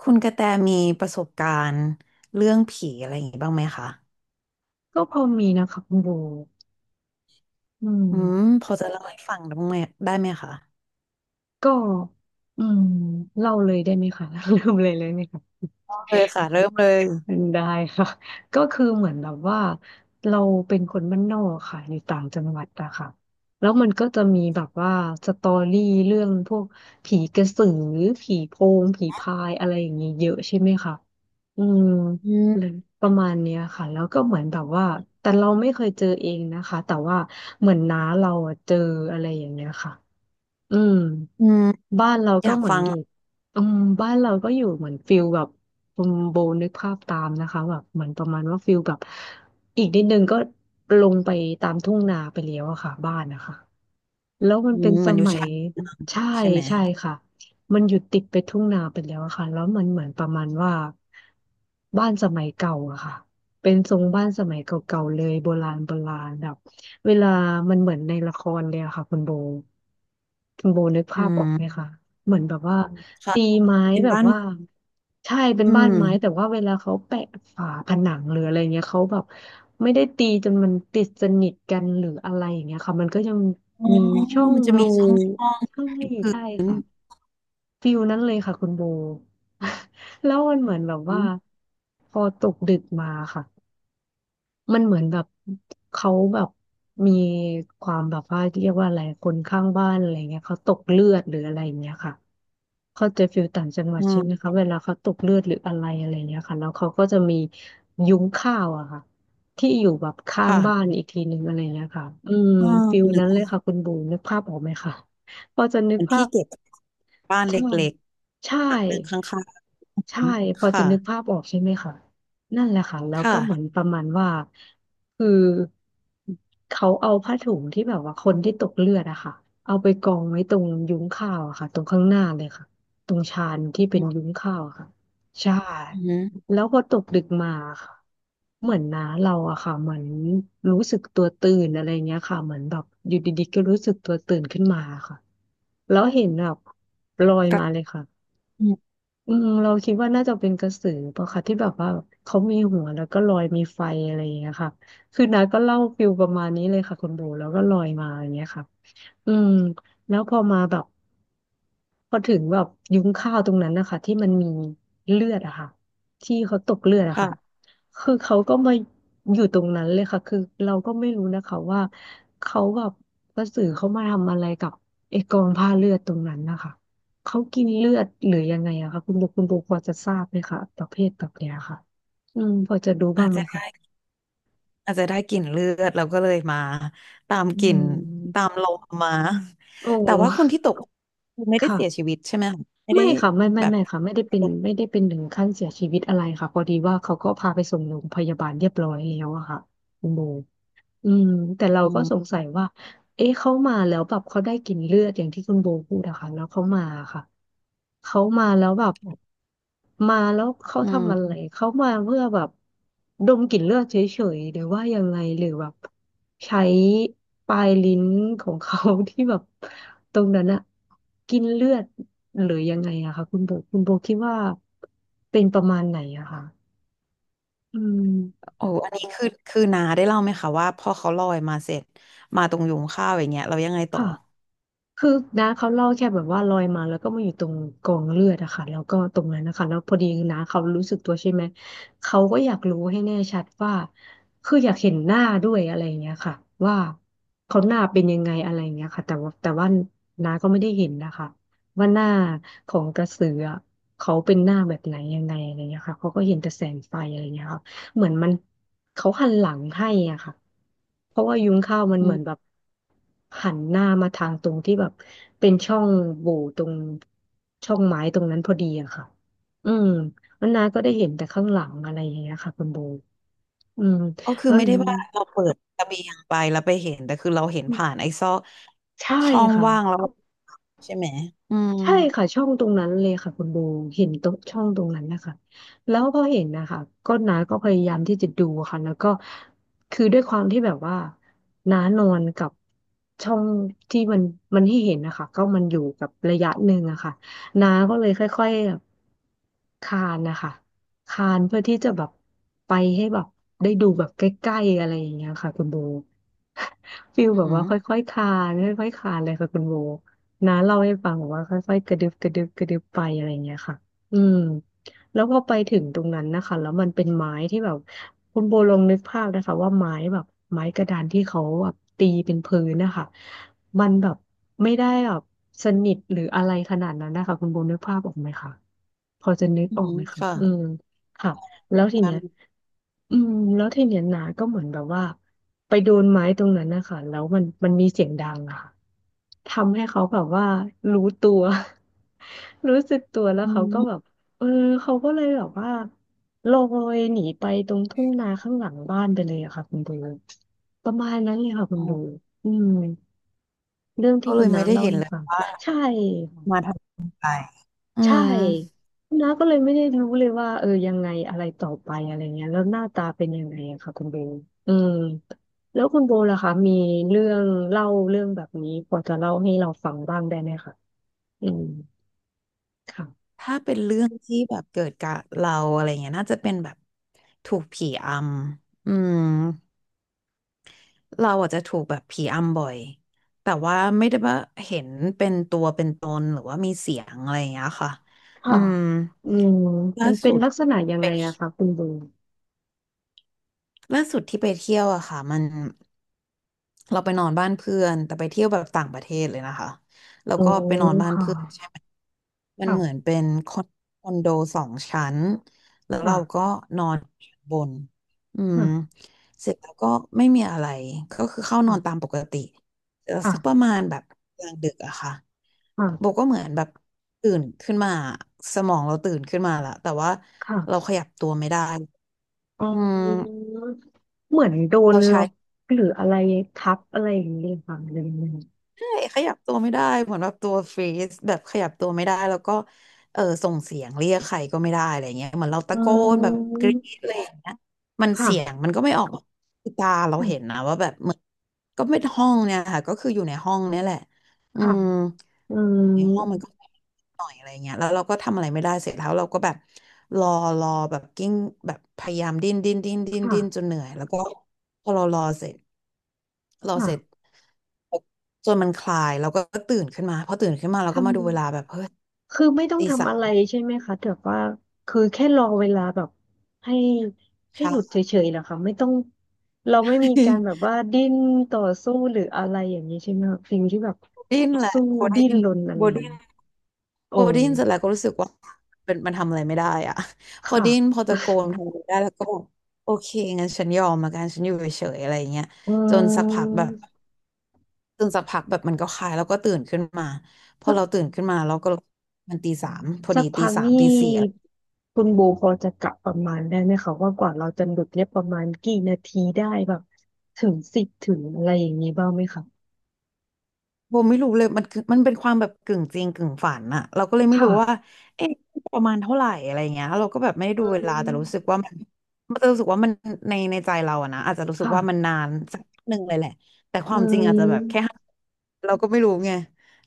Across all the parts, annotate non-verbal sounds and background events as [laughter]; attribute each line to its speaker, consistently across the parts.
Speaker 1: คุณกระแตมีประสบการณ์เรื่องผีอะไรอย่างงี้บ้างไหมคะ
Speaker 2: ก็พอมีนะคะคุณโบอืม
Speaker 1: อืมพอจะเล่าให้ฟังได้บ้างไหมได้ไหมคะ
Speaker 2: ก็อืมเล่าเลยได้ไหมคะ [laughs] ลืมเลยเลยไหมคะ
Speaker 1: เเลยค่ะเริ่มเลย
Speaker 2: ได้ค่ะก็คือเหมือนแบบว่าเราเป็นคนบ้านนอกค่ะอยู่ต่างจังหวัดอะค่ะแล้วมันก็จะมีแบบว่าสตอรี่เรื่องพวกผีกระสือผีโพงผีพายอะไรอย่างนี้เยอะใช่ไหมคะอืม
Speaker 1: อืม
Speaker 2: เลยประมาณเนี้ยค่ะแล้วก็เหมือนแบบว่าแต่เราไม่เคยเจอเองนะคะแต่ว่าเหมือนน้าเราอะเจออะไรอย่างเงี้ยค่ะ อืม
Speaker 1: อืม
Speaker 2: บ้านเรา
Speaker 1: อ
Speaker 2: ก็
Speaker 1: ยาก
Speaker 2: เหมือน
Speaker 1: ฟัง
Speaker 2: อยู่อืมบ้านเราก็อยู่เหมือนฟิลแบบคุณโบนึกภาพตามนะคะแบบเหมือนประมาณว่าฟิลแบบอีกนิดนึงก็ลงไปตามทุ่งนาไปแล้วอะค่ะบ้านนะคะ แล้วมันเป็น
Speaker 1: เห
Speaker 2: ส
Speaker 1: มือนอยู่
Speaker 2: มัย
Speaker 1: ชายหนดางนี้
Speaker 2: ใช่
Speaker 1: ใช่ไหม
Speaker 2: ใช่ค่ะมันอยู่ติดไปทุ่งนาไปแล้วอะค่ะแล้วมันเหมือนประมาณว่าบ้านสมัยเก่าอะค่ะเป็นทรงบ้านสมัยเก่าๆเลยโบราณโบราณแบบเวลามันเหมือนในละครเลยอะค่ะคุณโบคุณโบนึก
Speaker 1: อื
Speaker 2: ภาพออกไหม
Speaker 1: ม
Speaker 2: คะ เหมือนแบบว่า
Speaker 1: ค่ะ
Speaker 2: ตีไม้
Speaker 1: เป็น
Speaker 2: แบบ
Speaker 1: บ้าน
Speaker 2: ว่า
Speaker 1: ไม้
Speaker 2: ใช่เป็น
Speaker 1: อื
Speaker 2: บ้าน
Speaker 1: ม
Speaker 2: ไม้แต่ว่าเวลาเขาแปะฝาผนังหรืออะไรเงี้ยเขาแบบไม่ได้ตีจนมันติดสนิทกันหรืออะไรอย่างเงี้ยค่ะมันก็ยัง
Speaker 1: อ๋อ
Speaker 2: มีช่อง
Speaker 1: มันจะมี
Speaker 2: รู
Speaker 1: ช่องช่อง
Speaker 2: ใช่
Speaker 1: พื้
Speaker 2: ใช่
Speaker 1: น
Speaker 2: ค่ะฟิลนั้นเลยค่ะคุณโบ [laughs] แล้วมันเหมือนแบบ
Speaker 1: อื
Speaker 2: ว่า
Speaker 1: ม
Speaker 2: พอตกดึกมาค่ะมันเหมือนแบบเขาแบบมีความแบบว่าเรียกว่าอะไรคนข้างบ้านอะไรเงี้ยเขาตกเลือดหรืออะไรอย่างเงี้ยค่ะ เข้าใจฟิลต่างจังหวั
Speaker 1: อื
Speaker 2: ดใช่ไหม
Speaker 1: ม
Speaker 2: คะเวลาเขาตกเลือดหรืออะไรอะไรเนี้ยค่ะแล้วเขาก็จะมียุ้งข้าวอะค่ะที่อยู่แบบข้างบ้าน
Speaker 1: ค่ะ
Speaker 2: อีกทีหนึ่งอะไรเนี้ยค่ะอืม
Speaker 1: อ่า
Speaker 2: ฟิล
Speaker 1: หนึ่
Speaker 2: นั้นเลย
Speaker 1: ง
Speaker 2: ค่ะคุณบูมนึกภาพออกไหมคะพอจะนึ
Speaker 1: เห
Speaker 2: ก
Speaker 1: มือน
Speaker 2: ภา
Speaker 1: ที่
Speaker 2: พ
Speaker 1: เก็บบ้านเล
Speaker 2: ใช่
Speaker 1: ็ก
Speaker 2: ใช่
Speaker 1: ๆหลังหนึ่งข้าง
Speaker 2: ใช่พอ
Speaker 1: ๆ
Speaker 2: จะ
Speaker 1: ค่ะ
Speaker 2: นึกภาพออกใช่ไหมคะนั่นแหละค่ะแล้วก็เหมือน
Speaker 1: ค่ะ
Speaker 2: ประมาณว่าคือเขาเอาผ้าถุงที่แบบว่าคนที่ตกเลือดอะค่ะเอาไปกองไว้ตรงยุ้งข้าวอะค่ะตรงข้างหน้าเลยค่ะตรงชานที่
Speaker 1: อื
Speaker 2: เป็น
Speaker 1: ม
Speaker 2: ยุ้งข้าวอะค่ะใช่
Speaker 1: อืม
Speaker 2: แล้วพอตกดึกมาค่ะเหมือนนะเราอะค่ะเหมือนรู้สึกตัวตื่นอะไรเงี้ยค่ะเหมือนแบบอยู่ดีๆก็รู้สึกตัวตื่นขึ้นมาค่ะ แล้วเห็นแบบลอย
Speaker 1: ก็
Speaker 2: มาเลยค่ะ
Speaker 1: อืม
Speaker 2: อืมเราคิดว่าน่าจะเป็นกระสือปะคะที่แบบว่าเขามีหัวแล้วก็ลอยมีไฟอะไรอย่างเงี้ยค่ะ คือน้าก็เล่าฟิลประมาณนี้เลยค่ะคุณโบแล้วก็ลอยมาอย่างเงี้ยค่ะอืมแล้วพอมาแบบ พอถึงแบบยุ้งข้าวตรงนั้นนะคะที่มันมีเลือดอะค่ะที่เขาตกเลือดอะค่ะ
Speaker 1: ค่ะ
Speaker 2: คือเขาก็มาอยู่ตรงนั้นเลยค่ะคือเราก็ไม่รู้นะคะว่าเขาแบบกระสือเขามาทำอะไรกับไอ้กองผ้าเลือดตรงนั้นนะคะเขากินเลือดหรือยังไงอะคะคุณโบคุณโบพอจะทราบไหมคะประเภทแบบเนี้ยค่ะอืมพอจะรู้บ้า
Speaker 1: อา
Speaker 2: ง
Speaker 1: จ
Speaker 2: ไหม
Speaker 1: จะ
Speaker 2: คะ
Speaker 1: ได้ อาจจะได้กลิ่นเลือดเราก็เลยมาตาม
Speaker 2: อื
Speaker 1: กลิ่นตา
Speaker 2: ม
Speaker 1: มลมมา
Speaker 2: โอ้
Speaker 1: แต่
Speaker 2: [laughs]
Speaker 1: ว่าคนที่ตกคือไม่ได้
Speaker 2: ค่ะ
Speaker 1: เสียชีวิตใช่ไหมคะไม่
Speaker 2: ไม่
Speaker 1: ได้
Speaker 2: ค่ะไม่ไม่
Speaker 1: แบบ
Speaker 2: ไม่ค่ะไม่ได้เป็นไม่ได้เป็นถึงขั้นเสียชีวิตอะไรค่ะพอดีว่าเขาก็พาไปส่งโรงพยาบาลเรียบร้อยแล้วอะค่ะคุณโบ อืมแต่เรา
Speaker 1: อื
Speaker 2: ก็สง
Speaker 1: ม
Speaker 2: สัยว่าเอ๊ะเขามาแล้วแบบเขาได้กลิ่นเลือดอย่างที่คุณโบพูดอะค่ะแล้วเขามาค่ะเขามาแล้วแบบมาแล้วเขา
Speaker 1: อื
Speaker 2: ทำอะไร
Speaker 1: ม
Speaker 2: เขามาเพื่อแบบดมกลิ่นเลือดเฉยๆหรือว่ายังไงหรือแบบใช้ปลายลิ้นของเขา [laughs] ที่แบบตรงนั้นอะกินเลือดหรือยังไงอะค่ะคุณโบคุณโบคิดว่าเป็นประมาณไหนอะค่ะอืม
Speaker 1: โอ้อันนี้คือคือนาได้เล่าไหมคะว่าพอเขาลอยมาเสร็จมาตรงยุงข้าวอย่างเงี้ยเรายังไงต่อ
Speaker 2: ค่ะ คือน้าเขาเล่าแค่แบบว่าลอยมาแล้วก็มาอยู่ตรงกองเลือดอะค่ะแล้วก็ตรงนั้นนะคะแล้วพอดีน้าเขารู้สึกตัวใช่ไหมเขาก็อยากรู้ให้แน่ชัดว่าคืออยากเห็นหน้าด้วยอะไรอย่างเงี้ยค่ะว่าเขาหน้าเป็นยังไงอะไรอย่างเงี้ยค่ะแต่ว่าน้าก็ไม่ได้เห็นนะคะว่าหน้าของกระสืออะเขาเป็นหน้าแบบไหนยังไงอะไรอย่างเงี้ยค่ะเขาก็เห็นแต่แสงไฟอะไรอย่างเงี้ยค่ะ เหมือนมันเขาหันหลังให้อ่ะค่ะเพราะว่ายุ้งข้าวมัน
Speaker 1: อื
Speaker 2: เหมือนแบบ
Speaker 1: ม
Speaker 2: หันหน้ามาทางตรงที่แบบเป็นช่องโหว่ตรงช่องไม้ตรงนั้นพอดีอะค่ะอืมแล้วน้าก็ได้เห็นแต่ข้างหลังอะไรอย่างเงี้ยค่ะคุณโบอืม
Speaker 1: ก็คือ
Speaker 2: แล้ว
Speaker 1: ไม่ได้ว่าเราเปิดระเบียงไปแล้วไปเห็นแต่คือเราเห็นผ่านไอ้ซอก
Speaker 2: ใช่
Speaker 1: ช่อง
Speaker 2: ค่ะ
Speaker 1: ว่างแล้วใช่ไหมอืม
Speaker 2: ใช่ค่ะช่องตรงนั้นเลยค่ะคุณโบเห็นตรงช่องตรงนั้นนะคะแล้วพอเห็นนะคะน้าก็พยายามที่จะดูค่ะแล้วก็คือด้วยความที่แบบว่าน้านอนกับช่องที่มันให้เห็นนะคะก็มันอยู่กับระยะหนึ่งอะค่ะน้าก็เลยค่อยๆแบบคานนะคะคานเพื่อที่จะแบบไปให้แบบได้ดูแบบใกล้ๆอะไรอย่างเงี้ยค่ะคุณโบ [laughs] ฟิล
Speaker 1: อื
Speaker 2: แบ
Speaker 1: อ
Speaker 2: บ
Speaker 1: หื
Speaker 2: ว่า
Speaker 1: อ
Speaker 2: ค่อยๆคานค่อยๆคานเลยค่ะคุณโบ น้าเล่าให้ฟังบอกว่าค่อยๆกระดึบกระดึบกระดึบไปอะไรเงี้ยค่ะอืมแล้วพอไปถึงตรงนั้นนะคะแล้วมันเป็นไม้ที่แบบคุณโบลองนึกภาพนะคะว่าไม้แบบไม้กระดานที่เขาแบบตีเป็นพื้นนะคะมันแบบไม่ได้แบบสนิทหรืออะไรขนาดนั้นนะคะคุณโบนึกภาพออกไหมคะพอจะนึก
Speaker 1: อือ
Speaker 2: ออก
Speaker 1: หือ
Speaker 2: ไหมคะ
Speaker 1: ค่ะ
Speaker 2: อืมค่ะ แล้วที
Speaker 1: กา
Speaker 2: เนี้
Speaker 1: ร
Speaker 2: ยอืมแล้วทีเนี้ยนาก็เหมือนแบบว่าไปโดนไม้ตรงนั้นนะคะแล้วมันมีเสียงดังอะค่ะทำให้เขาแบบว่ารู้ตัว [laughs] รู้สึกตัวแล้ว
Speaker 1: อื
Speaker 2: เขาก็แบ
Speaker 1: ม
Speaker 2: บเออเขาก็เลยแบบว่าลอยหนีไปตรงทุ่งนาข้างหลังบ้านไปเลยอะค่ะคุณโบประมาณนั้นเลยค่ะคุ
Speaker 1: อ๋
Speaker 2: ณ
Speaker 1: อ
Speaker 2: โบอืมเรื่อง
Speaker 1: ก็
Speaker 2: ที่
Speaker 1: เล
Speaker 2: คุณ
Speaker 1: ยไม่
Speaker 2: น้า
Speaker 1: ได้
Speaker 2: เล่า
Speaker 1: เห็น
Speaker 2: ให้
Speaker 1: เลย
Speaker 2: ฟัง
Speaker 1: ว่า
Speaker 2: ใช่
Speaker 1: มาทำอะไรอื
Speaker 2: ใช่
Speaker 1: ม
Speaker 2: น้าก็เลยไม่ได้รู้เลยว่าเออยังไงอะไรต่อไปอะไรเงี้ยแล้วหน้าตาเป็นยังไงอะค่ะคุณโบลอืมแล้วคุณโบล่ะคะมีเรื่องเล่าเรื่องแบบนี้พอจะเล่าให้เราฟังบ้างได้ไหมคะอืมค่ะ
Speaker 1: ถ้าเป็นเรื่องที่แบบเกิดกับเราอะไรเงี้ยน่าจะเป็นแบบถูกผีอำเราอาจจะถูกแบบผีอำบ่อยแต่ว่าไม่ได้ว่าเห็นเป็นตัวเป็นตนหรือว่ามีเสียงอะไรอย่างเงี้ยค่ะอื
Speaker 2: ค่ะ
Speaker 1: ม
Speaker 2: อืมมั
Speaker 1: ล่า
Speaker 2: นเป็น
Speaker 1: สุด
Speaker 2: ลักษณะยัง
Speaker 1: ไป
Speaker 2: ไง
Speaker 1: เที่
Speaker 2: อะ
Speaker 1: ย
Speaker 2: คะ
Speaker 1: ว
Speaker 2: คุณโบ
Speaker 1: ล่าสุดที่ไปเที่ยวอะค่ะมันเราไปนอนบ้านเพื่อนแต่ไปเที่ยวแบบต่างประเทศเลยนะคะแล้ว
Speaker 2: อ๋อ
Speaker 1: ก็ไปนอนบ้าน
Speaker 2: ค่ะ
Speaker 1: เพื่อนใช่ไหมมัน
Speaker 2: ค่ะ
Speaker 1: เหมือนเป็นคอนโด2 ชั้นแล้วเรา
Speaker 2: ค่ะ
Speaker 1: ก็นอนชั้นบนอืมเสร็จแล้วก็ไม่มีอะไรก็คือเข้านอ
Speaker 2: ค่ะ
Speaker 1: นตามปกติ
Speaker 2: ค่ะ
Speaker 1: สักประ
Speaker 2: ค่ะ
Speaker 1: มาณแบบกลางดึกอะค่ะโบ
Speaker 2: ค่ะ
Speaker 1: ก็เหมือนแบบตื่นขึ้นมาสมองเราตื่นขึ้นมาละแต่ว่าเรา
Speaker 2: ค่ะ
Speaker 1: ขยับตัวไม่ได้
Speaker 2: อ๋
Speaker 1: อื
Speaker 2: อ
Speaker 1: ม
Speaker 2: เหมือนโดน
Speaker 1: เรา
Speaker 2: ล็
Speaker 1: ใช้
Speaker 2: อกหรืออะไรทับอะไรอย่างนี้เลยค่ะหรือยังไง
Speaker 1: ขยับตัวไม่ได้เหมือนแบบตัวฟรีซแบบขยับตัวไม่ได้แล้วก็ส่งเสียงเรียกใครก็ไม่ได้อะไรเงี้ยเหมือนเรา
Speaker 2: อื
Speaker 1: ตะโกนแบบกรี๊
Speaker 2: ม
Speaker 1: ดอะไรอย่างเงี้ยมันเสียง
Speaker 2: ค่ะ
Speaker 1: มันก็ไม่ออกคือตาเราเห็นนะ
Speaker 2: ค่ะ
Speaker 1: ว่าแบบเหมือนก็ไม่ห้องเนี่ยค่ะก็คืออยู่ในห้องเนี่ยแหละอื
Speaker 2: ค่ะ
Speaker 1: ม
Speaker 2: อื
Speaker 1: ในห้องมัน
Speaker 2: ม
Speaker 1: ก็หน่อยอะไรเงี้ยแล้วเราก็ทำอะไรไม่ได้เสร็จแล้วเราก็แบบรอรอแบบกิ้งแบบพยายามดิ้นดิ้นดิ้นดิ้น
Speaker 2: ค่ะ
Speaker 1: ดิ้นจนเหนื่อยแล้วก็พอเรารอเสร็จรอเสร็จ
Speaker 2: ค่ะ
Speaker 1: จนมันคลายเราก็ตื่นขึ้นมาพอตื่นขึ้นมาเรา
Speaker 2: ทำ
Speaker 1: ก็มาดูเวลาแบบเฮ้ย
Speaker 2: คือไม่ต้อง
Speaker 1: ตีสา
Speaker 2: ทำอะไร
Speaker 1: ม
Speaker 2: ใช่ไหมคะแต่ว่าคือแค่รอเวลาแบบให้ให้
Speaker 1: เช้า
Speaker 2: หลุดเฉยๆเหรอคะไม่ต้องเราไม่มีการแบบว่าดิ้นต่อสู้หรืออะไรอย่างนี้ใช่ไหมคะสิ่งที่แบบ
Speaker 1: [laughs] ดิ้นแหละ
Speaker 2: สู้
Speaker 1: โบ
Speaker 2: ดิ้
Speaker 1: ดิ้
Speaker 2: น
Speaker 1: น
Speaker 2: รนอะไร
Speaker 1: โบ
Speaker 2: อย่าง
Speaker 1: ดิ้น
Speaker 2: นี้โอ้
Speaker 1: พอได้ยินเสร็จแล้วก็รู้สึกว่าเป็นมันทำอะไรไม่ได้อะ [laughs] พอ
Speaker 2: ค่ะ
Speaker 1: ไดยินพอตะโกนพออะไรได้แล้วก็แบอกโอเคงั้นฉันยอมมากันฉันอยู่เฉยๆอะไรอย่างเงี้ย
Speaker 2: อื
Speaker 1: จนสักพักแบบ
Speaker 2: ม
Speaker 1: จนสักพักแบบมันก็คลายแล้วก็ตื่นขึ้นมาพอเราตื่นขึ้นมาเราก็รู้มันตีสามพอ
Speaker 2: สั
Speaker 1: ดี
Speaker 2: ก
Speaker 1: ตี
Speaker 2: พัก
Speaker 1: สาม
Speaker 2: นี่
Speaker 1: ตีสี่
Speaker 2: คุณโบพอจะกะประมาณได้ไหมคะว่ากว่าเราจะหลุดเนี่ยประมาณกี่นาทีได้แบบถึงสิบถึงอะไรอย่างนี้บ้างไหมคะ
Speaker 1: โบไม่รู้เลยมันคือมันเป็นความแบบกึ่งจริงกึ่งฝันอะเราก็เลยไม่
Speaker 2: ค่ะ
Speaker 1: รู้ว่าเอ๊ะประมาณเท่าไหร่อะไรเงี้ยเราก็แบบไม่ได้
Speaker 2: อื
Speaker 1: ดูเวลาแต่รู้สึก
Speaker 2: ม
Speaker 1: ว่ามันมันจะรู้สึกว่ามันในในใจเราอะนะอาจจะรู้สึก
Speaker 2: ค่ะ
Speaker 1: ว่ามันนานสักหนึ่งเลยแหละแต่ค
Speaker 2: อื
Speaker 1: วามจริงอาจจะแบบแค่
Speaker 2: ม
Speaker 1: ห้าเราก็ไม่รู้ไง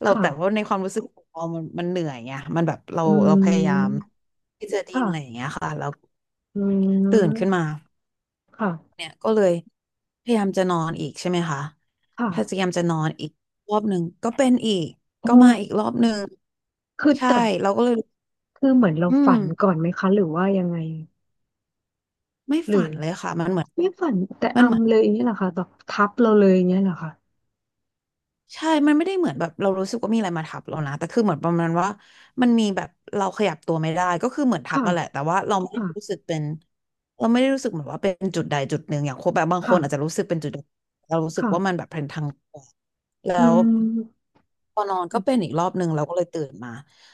Speaker 1: เรา
Speaker 2: ค่ะ
Speaker 1: แต่ว่าในความรู้สึกของเรามันมันเหนื่อยไงมันแบบเรา
Speaker 2: อื
Speaker 1: เราพยายาม
Speaker 2: ม
Speaker 1: ที่จะดิ้น
Speaker 2: ค่ะ
Speaker 1: อะไรอย่างเงี้ยค่ะเรา
Speaker 2: อื
Speaker 1: ตื่นขึ้นมา
Speaker 2: มค่ะ
Speaker 1: เนี่ยก็เลยพยายามจะนอนอีกใช่ไหมคะ
Speaker 2: ค่ะ
Speaker 1: พยายามจะนอนอีกรอบหนึ่งก็เป็นอีก
Speaker 2: เอ
Speaker 1: ก็มาอี
Speaker 2: อ
Speaker 1: กรอบหนึ่ง
Speaker 2: คือ
Speaker 1: ใช่
Speaker 2: แต่
Speaker 1: เราก็เลย
Speaker 2: คือเหมือนเรา
Speaker 1: อื
Speaker 2: ฝั
Speaker 1: ม
Speaker 2: นก่อนไหมคะหรือว่ายังไง
Speaker 1: ไม่
Speaker 2: หรือ
Speaker 1: ฝันเลยค่ะมันเหมือน
Speaker 2: ไม่ฝันแต่
Speaker 1: มันเหมือน
Speaker 2: อำเลยอย่างนี้ยเหรอคะแบบทับเราเลยอย่างนี้ยเหรอคะ
Speaker 1: ใช่มันไม่ได้เหมือนแบบเรารู้สึกว่ามีอะไรมาทับเรานะแต่คือเหมือนประมาณว่ามันมีแบบเราขยับตัวไม่ได้ก็คือเหมือนทับ
Speaker 2: ค่ะ
Speaker 1: มาแหละแต่ว่าเราไม่
Speaker 2: ค่ะ
Speaker 1: ได้รู้สึกเป็นเราไม่ได้รู้สึกเหมือนว่าเป็นจุดใดจุดหนึ่งอย่างคนแบบบางค
Speaker 2: ค่ะ
Speaker 1: นอาจจะรู้สึกเป็นจุดใดเรารู้สึก
Speaker 2: ค่ะ
Speaker 1: ว่ามันแบบเป็นทาง
Speaker 2: อื
Speaker 1: แล้ว
Speaker 2: ม
Speaker 1: พอนอนก็เป็นอีกรอบหนึ่งเราก็เลยตื่นมา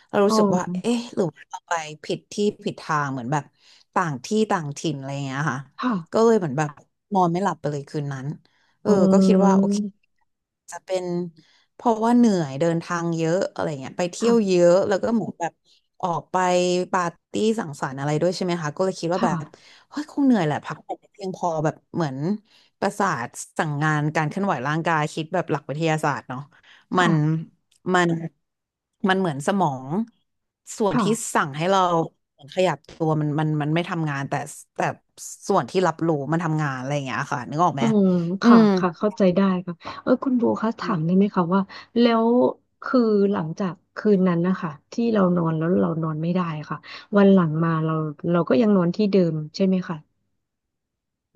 Speaker 1: เรา
Speaker 2: อ๋
Speaker 1: รู้
Speaker 2: อ
Speaker 1: สึกว่าเอ๊ะหรือว่าเราไปผิดที่ผิดทางเหมือนแบบต่างที่ต่างถิ่นอะไรอย่างเงี้ยค่ะ
Speaker 2: ค่ะ
Speaker 1: ก็เลยเหมือนแบบนอนไม่หลับไปเลยคืนนั้นเอ
Speaker 2: อ๋
Speaker 1: อก็คิดว่า
Speaker 2: อ
Speaker 1: โอเคจะเป็นเพราะว่าเหนื่อยเดินทางเยอะอะไรเงี้ยไปเที่ยวเย
Speaker 2: ค่ะ
Speaker 1: อะแล้วก็เหมือนแบบออกไปปาร์ตี้สังสรรค์อะไรด้วยใช่ไหมคะก็เลยคิดว่าแบบ
Speaker 2: ค่ะ
Speaker 1: เฮ้ยคงเหนื่อยแหละพักผ่อนไม่เพียงพอแบบเหมือนประสาทสั่งงานการเคลื่อนไหวร่างกายคิดแบบหลักวิทยาศาสตร์เนาะ มั
Speaker 2: ค่ะ
Speaker 1: นมันมันเหมือนสมองส่วนที่
Speaker 2: ค่ะ
Speaker 1: สั่งให้เราขยับตัวมันไม่ทำงานแต่ส่วนที่รับรู้มันทำงานอะไรอย่างเงี้ยค่ะนึกออกไห
Speaker 2: อื
Speaker 1: ม
Speaker 2: ม
Speaker 1: อื
Speaker 2: ค่ะ
Speaker 1: ม
Speaker 2: ค่ะเข้าใจได้ค่ะเออคุณโบคะถามได้ไหมคะว่าแล้วคือหลังจากคืนนั้นนะคะที่เรานอนแล้วเรานอนไม่ได้ค่ะวันหลังมาเราก็ยังนอนที่เดิมใช่ไหมคะ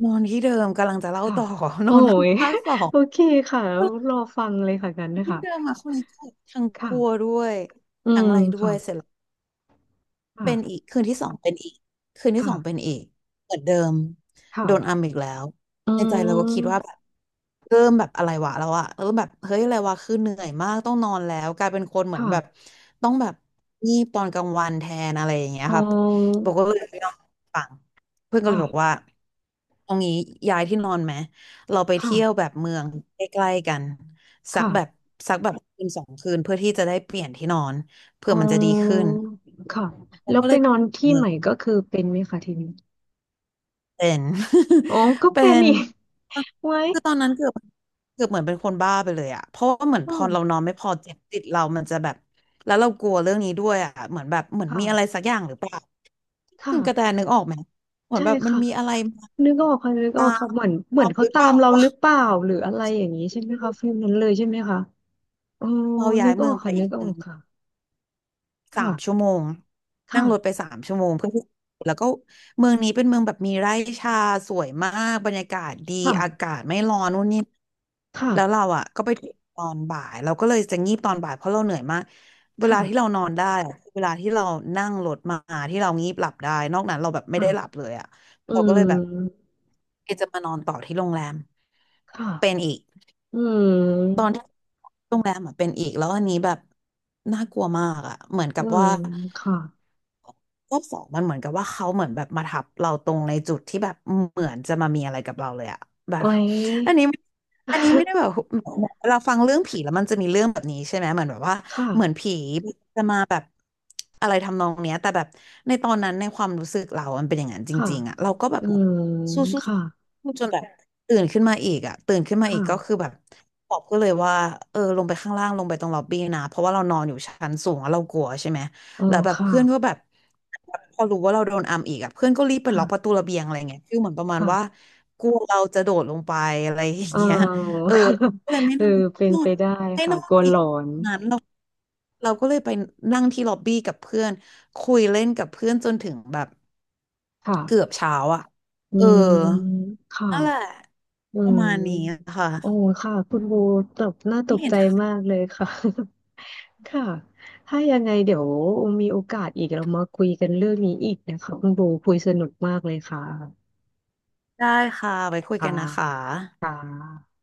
Speaker 1: นอนที่เดิมกำลังจะเล่า
Speaker 2: ค่ะ
Speaker 1: ต่อ [laughs] น
Speaker 2: โอ้
Speaker 1: อน
Speaker 2: ย
Speaker 1: ข้างสอ
Speaker 2: [laughs]
Speaker 1: ง
Speaker 2: โอเคค่ะรอฟังเลยค่ะกันนะ
Speaker 1: ที่
Speaker 2: คะ
Speaker 1: เดิมอะคนนี้ทั้งกลัว
Speaker 2: ค่ะ
Speaker 1: ด้วย
Speaker 2: อื
Speaker 1: ทั้ง
Speaker 2: ม
Speaker 1: อะไรด้ว
Speaker 2: ค่ะ
Speaker 1: ยเสร็จ เป็นอี
Speaker 2: ค่ะ
Speaker 1: กคืนที่สองเป็นอีกคืนที่สอง
Speaker 2: ค่ะ
Speaker 1: เป็นอีกเหมือนเดิมโดนอัม
Speaker 2: ค่ะ
Speaker 1: อีกแล้ว
Speaker 2: อื
Speaker 1: ในใจเราก็คิดว่าแบ
Speaker 2: ม
Speaker 1: บเริ่มแบบอะไรวะแล้วอะเริ่มแบบเฮ้ยอะไรวะคือเหนื่อยมากต้องนอนแล้วกลายเป็นคนเหมือนแบบ
Speaker 2: ค่ะ
Speaker 1: ต้องแบบงีบตอนกลางวันแทนอะไรอย่างเงี้ย
Speaker 2: อ๋
Speaker 1: ครับ
Speaker 2: อ
Speaker 1: บอกว่าเลยไม่ยอมฟังเพื่อนก็เลยบอก
Speaker 2: ค่ะ
Speaker 1: ว่าเอางี้ย้ายที่นอนไหมเราไป
Speaker 2: ค่ะ
Speaker 1: เที่ยวแบบเมืองใกล้ๆกันสักแบบ
Speaker 2: ค่ะ
Speaker 1: สักแบบคืนสองคืนเพื่อที่จะได้เปลี่ยนที่นอนเพื่
Speaker 2: อ๋
Speaker 1: อมันจะดีขึ้
Speaker 2: อ
Speaker 1: น
Speaker 2: ค่ะ
Speaker 1: เรา
Speaker 2: แล้ว
Speaker 1: ก็
Speaker 2: ไป
Speaker 1: เลย
Speaker 2: นอนที่
Speaker 1: เมือ
Speaker 2: ให
Speaker 1: ง
Speaker 2: ม่ก็คือเป็นไหมคะทีนี้
Speaker 1: เป็น [laughs]
Speaker 2: อ๋อก็
Speaker 1: เป็
Speaker 2: เป็น
Speaker 1: น
Speaker 2: อีก [laughs] ไว้
Speaker 1: คือตอนนั้นเกือบเกือบเหมือนเป็นคนบ้าไปเลยอะเพราะว่าเหมือน
Speaker 2: อ๋
Speaker 1: พอเรา
Speaker 2: อ
Speaker 1: นอนไม่พอเจ็บติดเรามันจะแบบแล้วเรากลัวเรื่องนี้ด้วยอะเหมือนแบบเหมือนมีอะไร
Speaker 2: ค่ะ
Speaker 1: สักอย่างหรือเปล่าคือกระแต
Speaker 2: ค่ะ
Speaker 1: นึกออกไหมเหมือน
Speaker 2: ใช่
Speaker 1: แบบมัน
Speaker 2: ค่ะ
Speaker 1: มีอะไรมา
Speaker 2: นึกออกค่ะนึกอ
Speaker 1: ตา
Speaker 2: อกค่ะ
Speaker 1: ม
Speaker 2: เหมือนเหมือ
Speaker 1: เรา
Speaker 2: น
Speaker 1: ห
Speaker 2: เขา
Speaker 1: รือ
Speaker 2: ตา
Speaker 1: เปล่า
Speaker 2: มเราหรือเปล่าหรืออะไรอย่างนี้ใช่ไหมคะฟิลนั้นเลยใช่ไหมคะอ๋อ
Speaker 1: เราย้า
Speaker 2: นึ
Speaker 1: ย
Speaker 2: กอ
Speaker 1: เมื
Speaker 2: อ
Speaker 1: อง
Speaker 2: ก
Speaker 1: ไป
Speaker 2: ค่ะ
Speaker 1: อี
Speaker 2: นึ
Speaker 1: ก
Speaker 2: กออกค่ะ
Speaker 1: สามชั่ว
Speaker 2: ค่ะ
Speaker 1: โมงนั่
Speaker 2: ค่ะ
Speaker 1: งรถไปสามชั่วโมงเพื่อที่แล้วก็เมืองนี้เป็นเมืองแบบมีไร่ชาสวยมากบรรยากาศดีอากา
Speaker 2: ค่ะ
Speaker 1: ศไม่ร้อนนู่นนี่
Speaker 2: ค่ะ
Speaker 1: แล้วเราอ่ะก็ไปถึงตอนบ่ายเราก็เลยจะงีบตอนบ่ายเพราะเราเหนื่อยมากเวลาที่เรา
Speaker 2: ค่ะ
Speaker 1: นอนได้อะคือเวลาที่เรานั่งรถมาที่เรางีบหลับได้นอกนั้นเราแบบไม่ได้หลับ
Speaker 2: ค่ะ
Speaker 1: เลยอ่ะ
Speaker 2: อื
Speaker 1: เราก็เลยแบบ
Speaker 2: ม
Speaker 1: เอจะมานอนต่อที่โรงแรม
Speaker 2: ค่ะ
Speaker 1: เป็นอีก
Speaker 2: อื
Speaker 1: ตอน
Speaker 2: ม
Speaker 1: ที่โรงแรมอ่ะเป็นอีกแล้วอันนี้แบบน่ากลัวมากอ่ะเหมือน
Speaker 2: อื
Speaker 1: กับ
Speaker 2: ม
Speaker 1: ว่า
Speaker 2: ค่ะ
Speaker 1: รอบสองมันเหมือนกับว่าเขาเหมือนแบบมาทับเราตรงในจุดที่แบบเหมือนจะมามีอะไรกับเราเลยอะแบบ
Speaker 2: ไว้
Speaker 1: อันนี้อันนี้ไม่ได้แบบ
Speaker 2: [laughs]
Speaker 1: เราฟังเรื่องผีแล้วมันจะมีเรื่องแบบนี้ใช่ไหมเหมือนแบบว่าเหมือน
Speaker 2: ค่ะ
Speaker 1: ผีจะมาแบบอะไรทำนองเนี้ยแต่แบบในตอนนั้นในความรู้สึกเรามันเป็นอย่างนั้นจ
Speaker 2: ค่ะ
Speaker 1: ริงๆอะเราก็แบบ
Speaker 2: อืม
Speaker 1: สู้
Speaker 2: ค่ะ
Speaker 1: ๆสู้จนแบบตื่นขึ้นมาอีกอะตื่นขึ้นมา
Speaker 2: ค
Speaker 1: อีกก็คือ
Speaker 2: ่ะ
Speaker 1: แบบบอกก็เลยว่าเออลงไปข้างล่างลงไปตรงล็อบบี้นะเพราะว่าเรานอนอยู่ชั้นสูงแล้วเรากลัวใช่ไหม
Speaker 2: เออ
Speaker 1: แล้วแบบ
Speaker 2: ค่ะ
Speaker 1: เพื่อนก็แบบ พอรู้ว่าเราโดนอัมอีกอะเพื่อนก็รีบไปล็อกประตู
Speaker 2: ค่ะ
Speaker 1: ระเบียงอะไรเงี้ยคือเหมือนประมาณว่า
Speaker 2: ค่ะ
Speaker 1: กลัวเราจะโดดลงไปอะไรอย่า
Speaker 2: เอ
Speaker 1: ง
Speaker 2: อ
Speaker 1: เงี้ยเออ
Speaker 2: [laughs] ค่ะ
Speaker 1: ก็เลยไม่
Speaker 2: เออ
Speaker 1: นอน
Speaker 2: เป็น
Speaker 1: นอ
Speaker 2: ไป
Speaker 1: น
Speaker 2: ได้
Speaker 1: ให้
Speaker 2: ค่ะ
Speaker 1: นอ
Speaker 2: ก
Speaker 1: น
Speaker 2: ลัวห
Speaker 1: อี
Speaker 2: ล
Speaker 1: ก
Speaker 2: อน
Speaker 1: นั้นเราเราก็เลยไปนั่งที่ล็อบบี้กับเพื่อนคุยเล่นกับเพื่อนจนถึงแบบ
Speaker 2: ค่ะ
Speaker 1: เกือบเช้าอ่ะ
Speaker 2: อื
Speaker 1: เออ
Speaker 2: มค่ะ
Speaker 1: นั่นแหละ
Speaker 2: อื
Speaker 1: ประมาณนี้อะ
Speaker 2: ม
Speaker 1: ค่ะ
Speaker 2: โอ้ค่ะคุณบูตกน่าต
Speaker 1: ไ่
Speaker 2: ก
Speaker 1: เห็น
Speaker 2: ใจมากเลยค่ะ [laughs] ค่ะถ้ายังไงเดี๋ยวมีโอกาสอีกเรามาคุยกันเรื่องนี้อีกนะคะคุณบูคุยสนุกมากเลยค่ะ
Speaker 1: ได้ค่ะไว้คุย
Speaker 2: ค่ะ
Speaker 1: กันนะคะ
Speaker 2: ค่ะ